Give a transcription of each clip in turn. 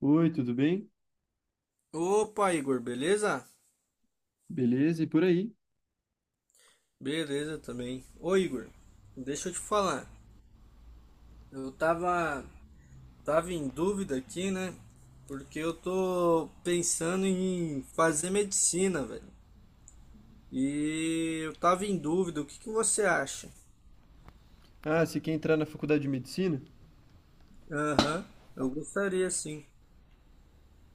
Oi, tudo bem? Opa, Igor, beleza? Beleza, e por aí? Beleza também. Ô, Igor, deixa eu te falar. Eu tava em dúvida aqui, né? Porque eu tô pensando em fazer medicina, velho. E eu tava em dúvida, o que que você acha? Ah, você quer entrar na faculdade de medicina? Aham, eu gostaria sim.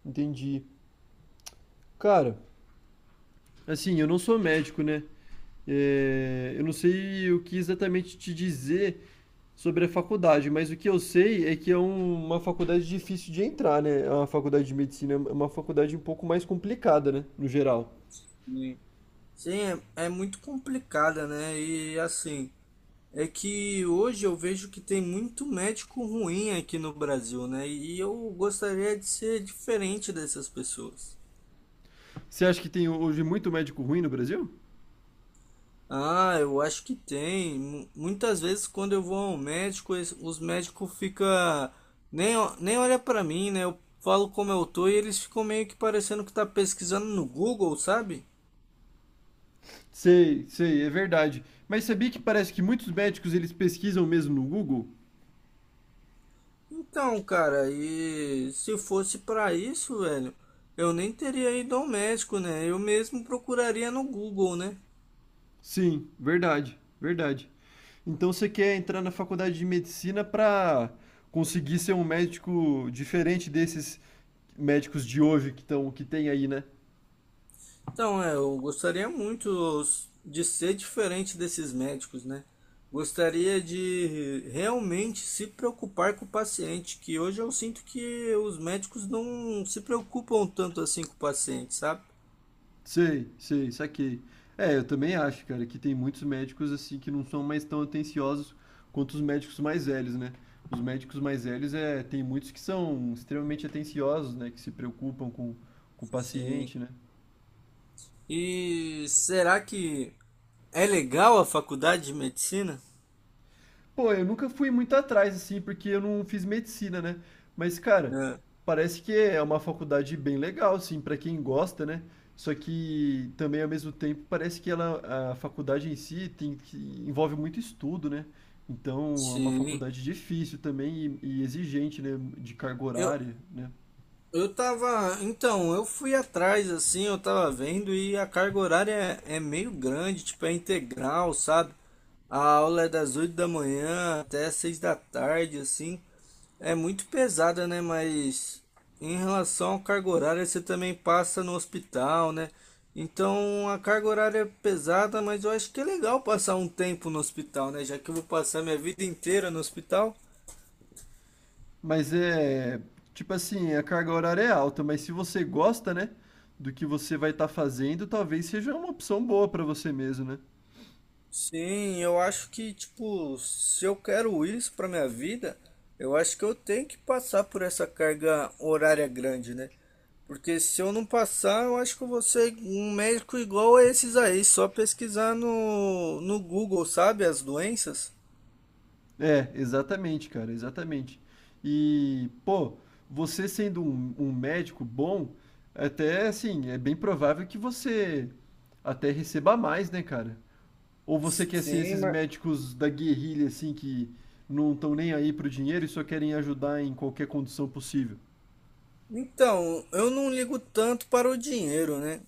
Entendi. Cara, assim, eu não sou médico, né? É, eu não sei o que exatamente te dizer sobre a faculdade, mas o que eu sei é que uma faculdade difícil de entrar, né? A faculdade de medicina é uma faculdade um pouco mais complicada, né? No geral. Sim, Sim, é muito complicada, né? E assim, é que hoje eu vejo que tem muito médico ruim aqui no Brasil, né? E eu gostaria de ser diferente dessas pessoas. Você acha que tem hoje muito médico ruim no Brasil? Ah, eu acho que tem. Muitas vezes quando eu vou ao médico, os médicos ficam. Nem olha pra mim, né? Eu falo como eu tô e eles ficam meio que parecendo que tá pesquisando no Google, sabe? Sei, sei, é verdade. Mas sabia que parece que muitos médicos eles pesquisam mesmo no Google? Então, cara, e se fosse pra isso, velho, eu nem teria ido ao médico, né? Eu mesmo procuraria no Google, né? Sim, verdade, verdade. Então você quer entrar na faculdade de medicina para conseguir ser um médico diferente desses médicos de hoje que tem aí, né? Então, é, eu gostaria muito de ser diferente desses médicos, né? Gostaria de realmente se preocupar com o paciente, que hoje eu sinto que os médicos não se preocupam tanto assim com o paciente, sabe? Sei, sei, saquei. É, eu também acho, cara, que tem muitos médicos assim que não são mais tão atenciosos quanto os médicos mais velhos, né? Os médicos mais velhos é, tem muitos que são extremamente atenciosos, né? Que se preocupam com o Sim. paciente, né? E será que é legal a faculdade de medicina? Pô, eu nunca fui muito atrás, assim, porque eu não fiz medicina, né? Mas, cara, É, parece que é uma faculdade bem legal, assim, pra quem gosta, né? Só que também, ao mesmo tempo, parece que ela, a faculdade em si envolve muito estudo, né? Então, é uma sim. faculdade difícil também e exigente, né? De carga Eu, horária, né? Eu tava, então, eu fui atrás assim, eu tava vendo e a carga horária é meio grande, tipo, é integral, sabe? A aula é das 8 da manhã até 6 da tarde, assim. É muito pesada, né? Mas em relação à carga horária, você também passa no hospital, né? Então a carga horária é pesada, mas eu acho que é legal passar um tempo no hospital, né? Já que eu vou passar minha vida inteira no hospital. Mas é, tipo assim, a carga horária é alta, mas se você gosta, né? Do que você vai estar fazendo, talvez seja uma opção boa pra você mesmo, né? Sim, eu acho que, tipo, se eu quero isso para minha vida, eu acho que eu tenho que passar por essa carga horária grande, né? Porque se eu não passar, eu acho que eu vou ser um médico igual a esses aí, só pesquisar no Google, sabe, as doenças. É, exatamente, cara, exatamente. E, pô, você sendo um médico bom, até assim, é bem provável que você até receba mais, né, cara? Ou você quer ser Sim, esses mas... médicos da guerrilha, assim, que não estão nem aí pro dinheiro e só querem ajudar em qualquer condição possível? Então, eu não ligo tanto para o dinheiro, né?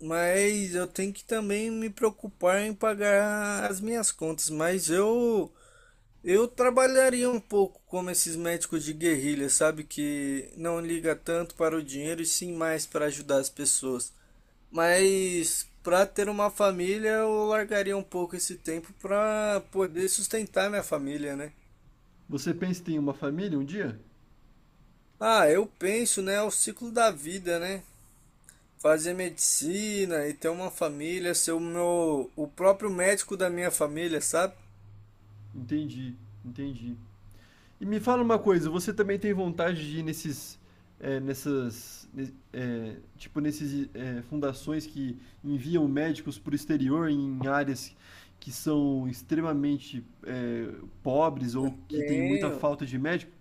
Mas eu tenho que também me preocupar em pagar as minhas contas. Mas eu trabalharia um pouco como esses médicos de guerrilha, sabe? Que não liga tanto para o dinheiro e sim mais para ajudar as pessoas. Mas para ter uma família, eu largaria um pouco esse tempo para poder sustentar minha família, né? Você pensa em ter uma família um dia? Ah, eu penso, né? É o ciclo da vida, né? Fazer medicina e ter uma família, ser o meu, o próprio médico da minha família, sabe? Entendi, entendi. E me fala uma coisa, você também tem vontade de ir nesses, eh, nessas, ne- eh, tipo nesses eh, fundações que enviam médicos para o exterior em áreas que são extremamente pobres ou que tem muita Tenho. falta de médico?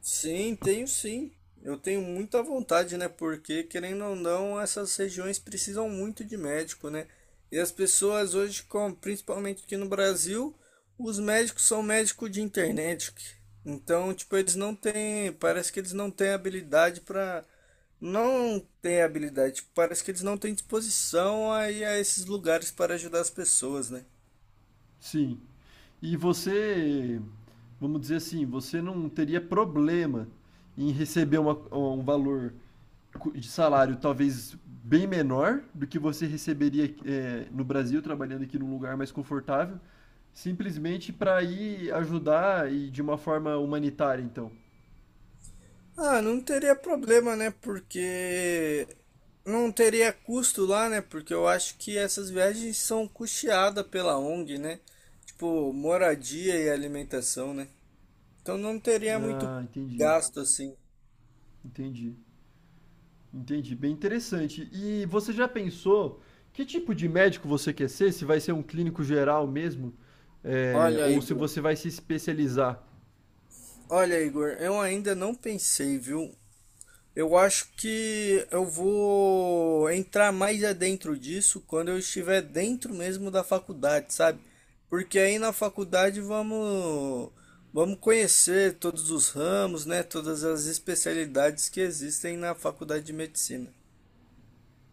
Sim, tenho sim. Eu tenho muita vontade, né? Porque, querendo ou não, essas regiões precisam muito de médico, né? E as pessoas hoje, principalmente aqui no Brasil, os médicos são médicos de internet. Então, tipo, eles não têm, parece que eles não têm habilidade para, não têm habilidade, tipo, parece que eles não têm disposição a ir a esses lugares para ajudar as pessoas, né? Sim. E você, vamos dizer assim, você não teria problema em receber um valor de salário talvez bem menor do que você receberia é, no Brasil, trabalhando aqui num lugar mais confortável, simplesmente para ir ajudar e de uma forma humanitária, então. Ah, não teria problema, né? Porque não teria custo lá, né? Porque eu acho que essas viagens são custeadas pela ONG, né? Tipo, moradia e alimentação, né? Então não teria muito Ah, entendi, gasto assim. entendi, entendi. Bem interessante. E você já pensou que tipo de médico você quer ser? Se vai ser um clínico geral mesmo? É, Olha, ou se Igor. você vai se especializar? Olha, Igor, eu ainda não pensei, viu? Eu acho que eu vou entrar mais adentro disso quando eu estiver dentro mesmo da faculdade, sabe? Porque aí na faculdade vamos conhecer todos os ramos, né? Todas as especialidades que existem na faculdade de medicina.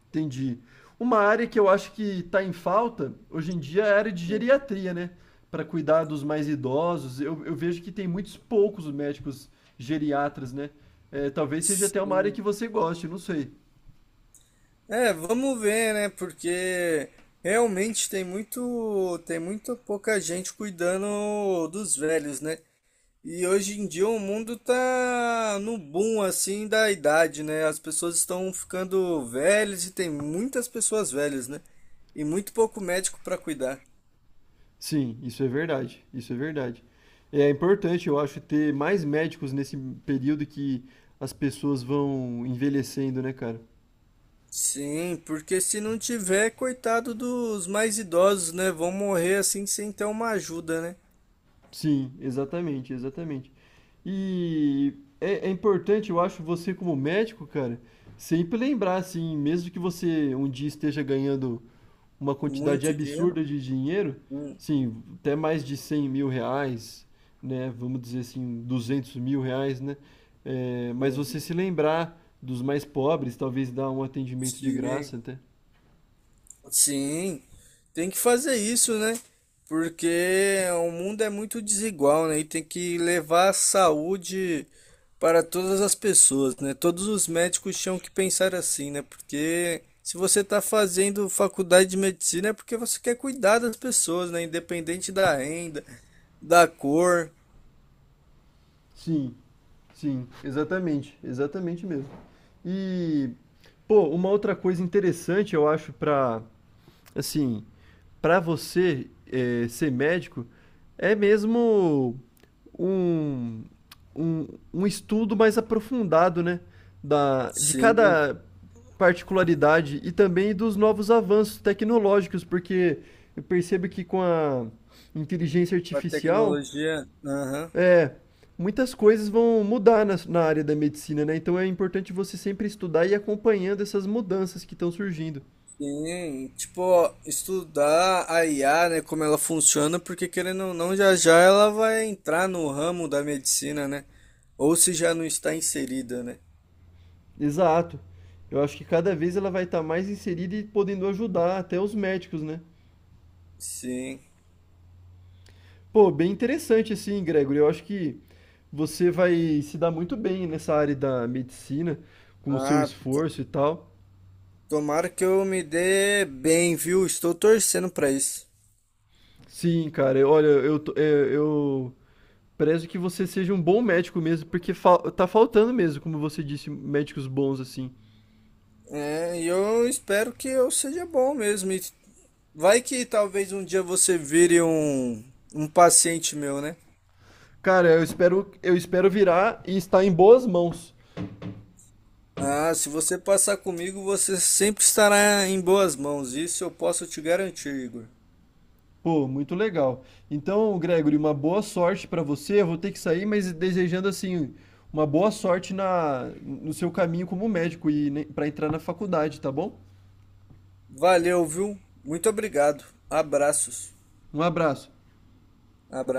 Entendi. Uma área que eu acho que está em falta hoje em dia é a área de Hum, geriatria, né? Para cuidar dos mais idosos. Eu vejo que tem muitos poucos médicos geriatras, né? É, talvez seja até uma área Sim. que você goste, não sei. É, vamos ver, né? Porque realmente tem muito pouca gente cuidando dos velhos, né? E hoje em dia o mundo tá no boom assim da idade, né? As pessoas estão ficando velhas e tem muitas pessoas velhas, né? E muito pouco médico para cuidar. Sim, isso é verdade. Isso é verdade. É importante, eu acho, ter mais médicos nesse período que as pessoas vão envelhecendo, né, cara? Sim, porque se não tiver, coitado dos mais idosos, né? Vão morrer assim sem ter uma ajuda, né? Sim, exatamente, exatamente. E é importante, eu acho, você como médico, cara, sempre lembrar, assim, mesmo que você um dia esteja ganhando uma quantidade Muito dinheiro. absurda de dinheiro, Hum, sim, até mais de R$ 100.000, né? Vamos dizer assim, R$ 200.000, né? É, mas uhum. você se lembrar dos mais pobres, talvez dar um atendimento de Sim. graça até. Sim, tem que fazer isso, né? Porque o mundo é muito desigual, né? E tem que levar a saúde para todas as pessoas, né? Todos os médicos tinham que pensar assim, né? Porque se você está fazendo faculdade de medicina é porque você quer cuidar das pessoas, né? Independente da renda, da cor. Sim, sim, exatamente, exatamente mesmo. E, pô, uma outra coisa interessante, eu acho, pra, assim, pra você ser médico, é mesmo um, um, um estudo mais aprofundado, né? De Sim, cada particularidade e também dos novos avanços tecnológicos, porque eu percebo que com a inteligência com a artificial tecnologia. Aham. é, muitas coisas vão mudar na área da medicina, né? Então é importante você sempre estudar e ir acompanhando essas mudanças que estão surgindo. Sim, tipo, estudar a IA, né, como ela funciona, porque querendo ou não, já já ela vai entrar no ramo da medicina, né? Ou se já não está inserida, né? Exato. Eu acho que cada vez ela vai estar mais inserida e podendo ajudar até os médicos, né? Sim. Pô, bem interessante assim, Gregory. Eu acho que você vai se dar muito bem nessa área da medicina, com o seu Ah, to- esforço e tal. Tomara que eu me dê bem, viu? Estou torcendo para isso. Sim, cara. Olha, é, eu prezo que você seja um bom médico mesmo, porque fal tá faltando mesmo, como você disse, médicos bons assim. É, e eu espero que eu seja bom mesmo. E vai que talvez um dia você vire um paciente meu, né? Cara, eu espero virar e estar em boas mãos. Ah, se você passar comigo, você sempre estará em boas mãos. Isso eu posso te garantir, Igor. Pô, muito legal. Então, Gregory, uma boa sorte pra você. Eu vou ter que sair, mas desejando assim uma boa sorte no seu caminho como médico e né, para entrar na faculdade, tá bom? Valeu, viu? Muito obrigado. Abraços. Um abraço. Abraços.